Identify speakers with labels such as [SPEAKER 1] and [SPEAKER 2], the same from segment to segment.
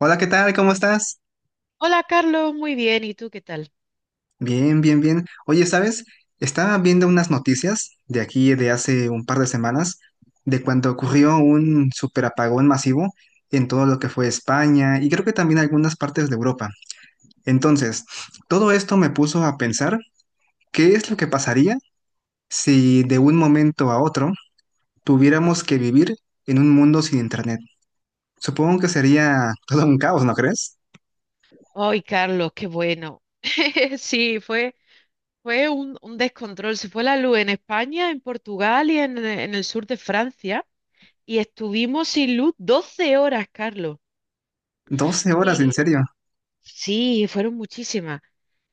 [SPEAKER 1] Hola, ¿qué tal? ¿Cómo estás?
[SPEAKER 2] Hola Carlos, muy bien, ¿y tú qué tal?
[SPEAKER 1] Bien, bien, bien. Oye, ¿sabes? Estaba viendo unas noticias de aquí de hace un par de semanas de cuando ocurrió un superapagón masivo en todo lo que fue España y creo que también algunas partes de Europa. Entonces, todo esto me puso a pensar qué es lo que pasaría si de un momento a otro tuviéramos que vivir en un mundo sin internet. Supongo que sería todo un caos, ¿no crees?
[SPEAKER 2] Ay, Carlos, qué bueno. Sí, fue un descontrol. Se fue la luz en España, en Portugal y en el sur de Francia. Y estuvimos sin luz 12 horas, Carlos.
[SPEAKER 1] 12 horas, ¿en
[SPEAKER 2] Y
[SPEAKER 1] serio?
[SPEAKER 2] sí, fueron muchísimas.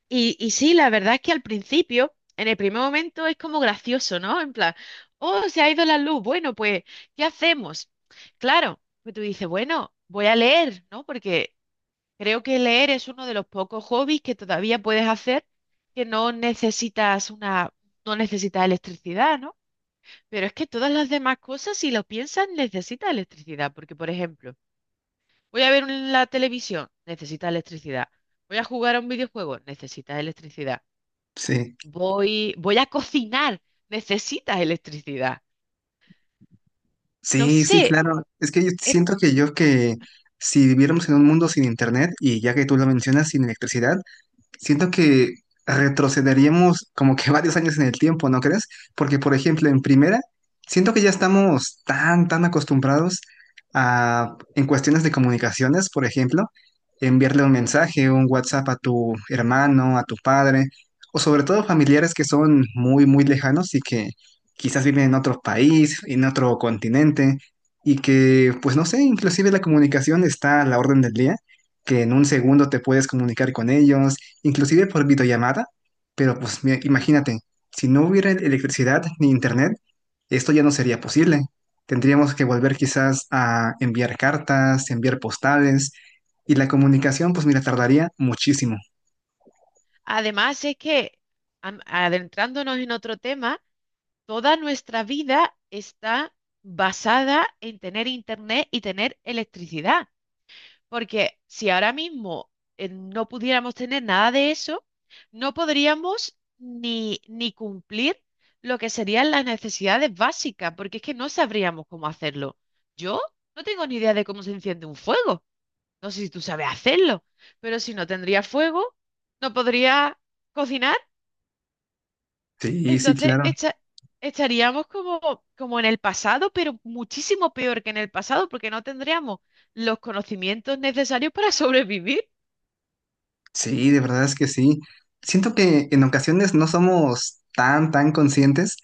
[SPEAKER 2] Sí, la verdad es que al principio, en el primer momento, es como gracioso, ¿no? En plan, oh, se ha ido la luz. Bueno, pues, ¿qué hacemos? Claro, pues tú dices, bueno, voy a leer, ¿no? Porque creo que leer es uno de los pocos hobbies que todavía puedes hacer, que no necesitas electricidad, ¿no? Pero es que todas las demás cosas, si lo piensas, necesitas electricidad. Porque, por ejemplo, voy a ver un- la televisión, necesitas electricidad. Voy a jugar a un videojuego, necesitas electricidad.
[SPEAKER 1] Sí.
[SPEAKER 2] Voy a cocinar, necesitas electricidad. No
[SPEAKER 1] Sí, sí,
[SPEAKER 2] sé.
[SPEAKER 1] claro. Es que yo
[SPEAKER 2] es-
[SPEAKER 1] siento que yo que si viviéramos en un mundo sin internet y ya que tú lo mencionas, sin electricidad, siento que retrocederíamos como que varios años en el tiempo, ¿no crees? Porque, por ejemplo, en primera, siento que ya estamos tan, tan acostumbrados a, en cuestiones de comunicaciones, por ejemplo, enviarle un mensaje, un WhatsApp a tu hermano, a tu padre, o sobre todo familiares que son muy, muy lejanos y que quizás viven en otro país, en otro continente, y que, pues no sé, inclusive la comunicación está a la orden del día, que en un segundo te puedes comunicar con ellos inclusive por videollamada, pero pues mira, imagínate, si no hubiera electricidad ni internet, esto ya no sería posible. Tendríamos que volver quizás a enviar cartas, enviar postales, y la comunicación, pues mira, tardaría muchísimo.
[SPEAKER 2] además, es que adentrándonos en otro tema. Toda nuestra vida está basada en tener internet y tener electricidad, porque si ahora mismo no pudiéramos tener nada de eso, no podríamos ni cumplir lo que serían las necesidades básicas, porque es que no sabríamos cómo hacerlo. Yo no tengo ni idea de cómo se enciende un fuego. No sé si tú sabes hacerlo, pero si no tendría fuego, no podría cocinar.
[SPEAKER 1] Sí, sí,
[SPEAKER 2] entonces,
[SPEAKER 1] claro.
[SPEAKER 2] echa- Estaríamos como en el pasado, pero muchísimo peor que en el pasado, porque no tendríamos los conocimientos necesarios para sobrevivir.
[SPEAKER 1] Sí, de verdad es que sí. Siento que en ocasiones no somos tan, tan conscientes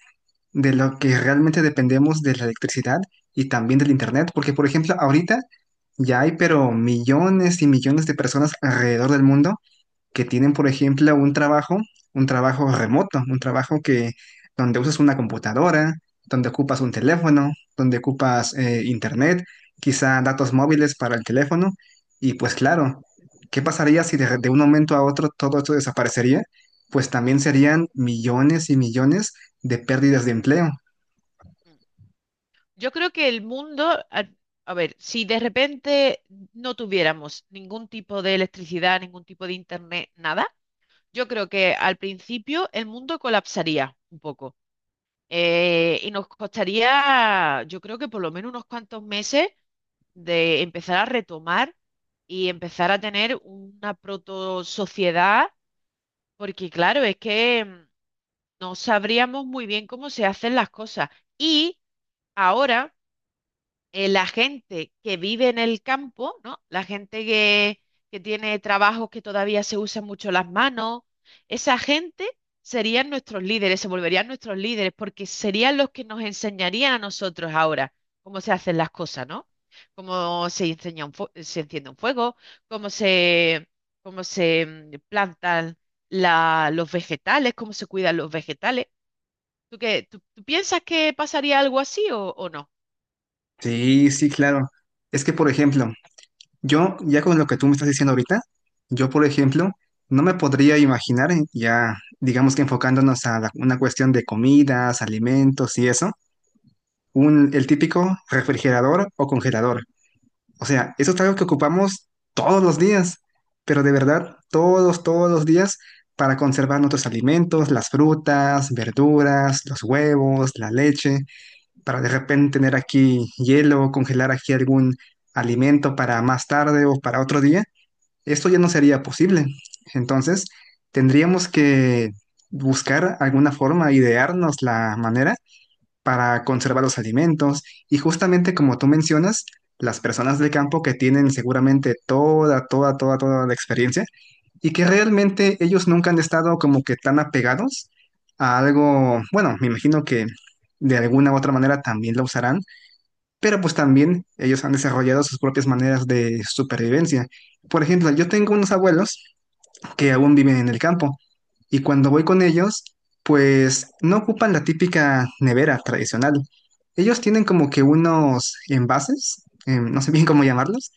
[SPEAKER 1] de lo que realmente dependemos de la electricidad y también del internet, porque por ejemplo, ahorita ya hay pero millones y millones de personas alrededor del mundo que tienen, por ejemplo, un trabajo remoto, un trabajo que donde usas una computadora, donde ocupas un teléfono, donde ocupas internet, quizá datos móviles para el teléfono. Y pues claro, ¿qué pasaría si de un momento a otro todo esto desaparecería? Pues también serían millones y millones de pérdidas de empleo.
[SPEAKER 2] Yo creo que el mundo, a, a ver, si de repente no tuviéramos ningún tipo de electricidad, ningún tipo de internet, nada, yo creo que al principio el mundo colapsaría un poco. Y nos costaría, yo creo que por lo menos unos cuantos meses de empezar a retomar y empezar a tener una proto sociedad, porque claro, es que no sabríamos muy bien cómo se hacen las cosas. Y ahora la gente que vive en el campo, ¿no? Que tiene trabajos que todavía se usan mucho las manos, esa gente serían nuestros líderes, se volverían nuestros líderes, porque serían los que nos enseñarían a nosotros ahora cómo se hacen las cosas, ¿no? Cómo se enseña un fue- Se enciende un fuego, cómo se, cómo se plantan los vegetales, cómo se cuidan los vegetales. ¿Tú piensas que pasaría algo así o no?
[SPEAKER 1] Sí, sí, claro. Es que, por ejemplo, yo, ya con lo que tú me estás diciendo ahorita, yo, por ejemplo, no me podría imaginar, ya digamos que una cuestión de comidas, alimentos y eso, el típico refrigerador o congelador. O sea, eso es algo que ocupamos todos los días, pero de verdad, todos, todos los días para conservar nuestros alimentos, las frutas, verduras, los huevos, la leche, para de repente tener aquí hielo, congelar aquí algún alimento para más tarde o para otro día, esto ya no sería posible. Entonces, tendríamos que buscar alguna forma, idearnos la manera para conservar los alimentos. Y justamente como tú mencionas, las personas del campo que tienen seguramente toda, toda, toda, toda la experiencia y que realmente ellos nunca han estado como que tan apegados a algo, bueno, me imagino que de alguna u otra manera también lo usarán, pero pues también ellos han desarrollado sus propias maneras de supervivencia. Por ejemplo, yo tengo unos abuelos que aún viven en el campo. Y cuando voy con ellos, pues no ocupan la típica nevera tradicional. Ellos tienen como que unos envases, no sé bien cómo llamarlos,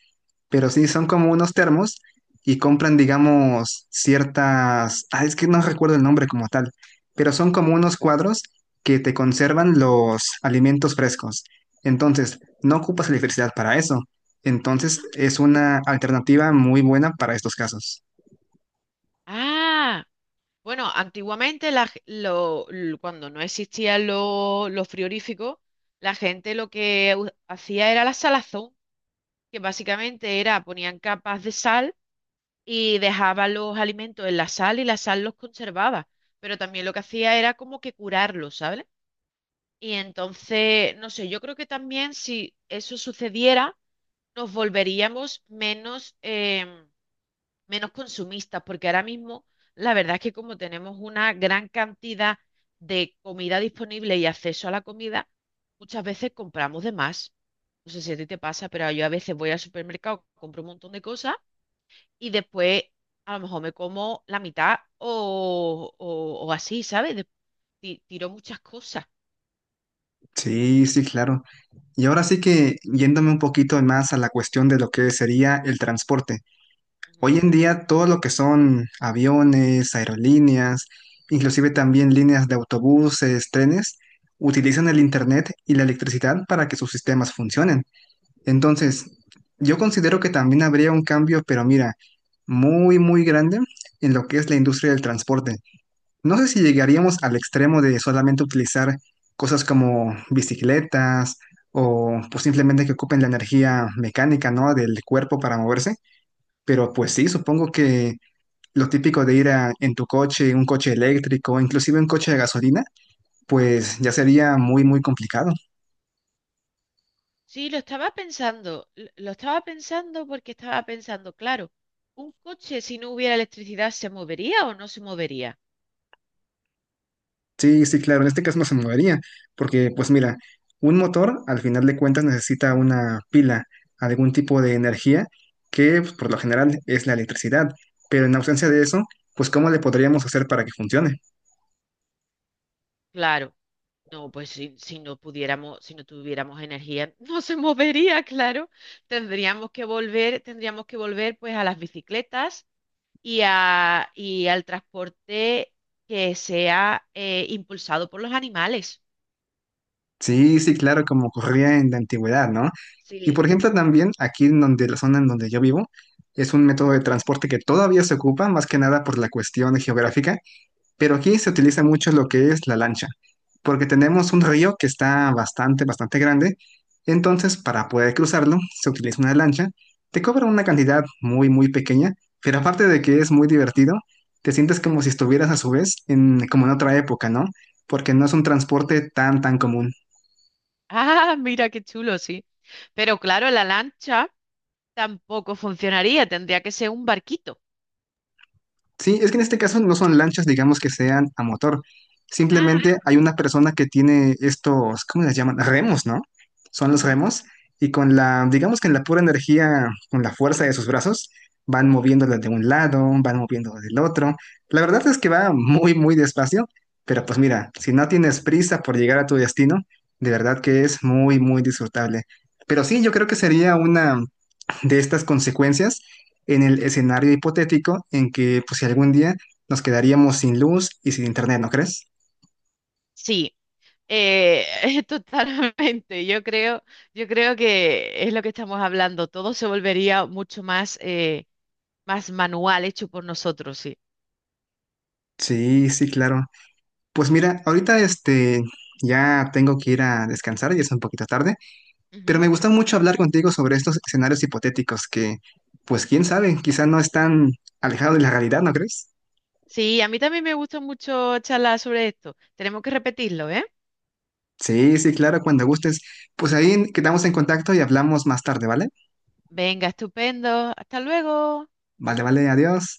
[SPEAKER 1] pero sí son como unos termos y compran, digamos, ciertas, ah, es que no recuerdo el nombre como tal, pero son como unos cuadros que te conservan los alimentos frescos. Entonces, no ocupas electricidad para eso. Entonces, es una alternativa muy buena para estos casos.
[SPEAKER 2] Ah. Bueno, antiguamente la g- lo- l- cuando no existían los frigoríficos, la gente lo que hacía era la salazón, que básicamente era, ponían capas de sal y dejaban los alimentos en la sal y la sal los conservaba, pero también lo que hacía era como que curarlos, ¿sabes? Y entonces, no sé, yo creo que también si eso sucediera, nos volveríamos menos menos consumistas, porque ahora mismo la verdad es que como tenemos una gran cantidad de comida disponible y acceso a la comida, muchas veces compramos de más. No sé si a ti te pasa, pero yo a veces voy al supermercado, compro un montón de cosas y después a lo mejor me como la mitad o así, ¿sabes? Tiro muchas cosas.
[SPEAKER 1] Sí, sí, claro. Y ahora sí que yéndome un poquito más a la cuestión de lo que sería el transporte.
[SPEAKER 2] Ujú.
[SPEAKER 1] Hoy en día todo lo que son aviones, aerolíneas, inclusive también líneas de autobuses, trenes, utilizan el internet y la electricidad para que sus sistemas funcionen. Entonces, yo considero que también habría un cambio, pero mira, muy, muy grande en lo que es la industria del transporte. No sé si llegaríamos al extremo de solamente utilizar cosas como bicicletas o pues simplemente que ocupen la energía mecánica, ¿no? del cuerpo para moverse, pero pues sí, supongo que lo típico de ir a- en tu coche, un coche eléctrico, inclusive un coche de gasolina, pues ya sería muy, muy complicado.
[SPEAKER 2] Sí, lo estaba pensando, lo estaba pensando porque estaba pensando, claro, ¿un coche si no hubiera electricidad se movería o no se movería?
[SPEAKER 1] Sí, sí, claro, en este caso no se movería, porque pues mira, un motor al final de cuentas necesita una pila, algún tipo de energía que pues, por lo general es la electricidad, pero en ausencia de eso, pues ¿cómo le podríamos hacer para que funcione?
[SPEAKER 2] Claro, no, pues si no pudiéramos, si no tuviéramos energía, no se movería, claro. Tendríamos que volver pues a las bicicletas y y al transporte que sea impulsado por los animales.
[SPEAKER 1] Sí, sí, claro, como ocurría en la antigüedad, ¿no? Y
[SPEAKER 2] Sí.
[SPEAKER 1] por ejemplo también aquí en donde la zona en donde yo vivo es un método de transporte que todavía se ocupa, más que nada por la cuestión geográfica, pero aquí se utiliza mucho lo que es la lancha, porque tenemos un río que está bastante, bastante grande. Entonces, para poder cruzarlo, se utiliza una lancha. Te cobra una cantidad muy, muy pequeña, pero aparte de que es muy divertido, te sientes como si estuvieras a su vez en, como en otra época, ¿no? Porque no es un transporte tan, tan común.
[SPEAKER 2] Ah, mira qué chulo, sí. Pero claro, la lancha tampoco funcionaría, tendría que ser un barquito.
[SPEAKER 1] Sí, es que en este caso no son lanchas, digamos que sean a motor.
[SPEAKER 2] Ah,
[SPEAKER 1] Simplemente hay una persona que tiene estos, ¿cómo les llaman? Remos, ¿no? Son los
[SPEAKER 2] ujú.
[SPEAKER 1] remos y con la, digamos que en la pura energía, con la fuerza de sus brazos, van moviéndola de un lado, van moviéndola del otro. La verdad es que va muy, muy despacio, pero pues mira, si no tienes prisa por llegar a tu destino, de verdad que es muy, muy disfrutable. Pero sí, yo creo que sería una de estas consecuencias en el escenario hipotético en que, pues, si algún día nos quedaríamos sin luz y sin internet, ¿no crees?
[SPEAKER 2] Sí. Eh, Totalmente. Yo creo que es lo que estamos hablando. Todo se volvería mucho más, más manual, hecho por nosotros, sí.
[SPEAKER 1] Sí, sí, claro. Pues mira, ahorita este ya tengo que ir a descansar, ya es un poquito tarde, pero
[SPEAKER 2] Ujú.
[SPEAKER 1] me gusta mucho hablar contigo sobre estos escenarios hipotéticos que, pues quién sabe, quizá no están alejados de la realidad, ¿no crees?
[SPEAKER 2] Sí, a mí también me gusta mucho charlar sobre esto. Tenemos que repetirlo, ¿eh?
[SPEAKER 1] Sí, sí, claro, cuando gustes. Pues ahí quedamos en contacto y hablamos más tarde, ¿vale?
[SPEAKER 2] Venga, estupendo. Hasta luego.
[SPEAKER 1] Vale, vale, adiós.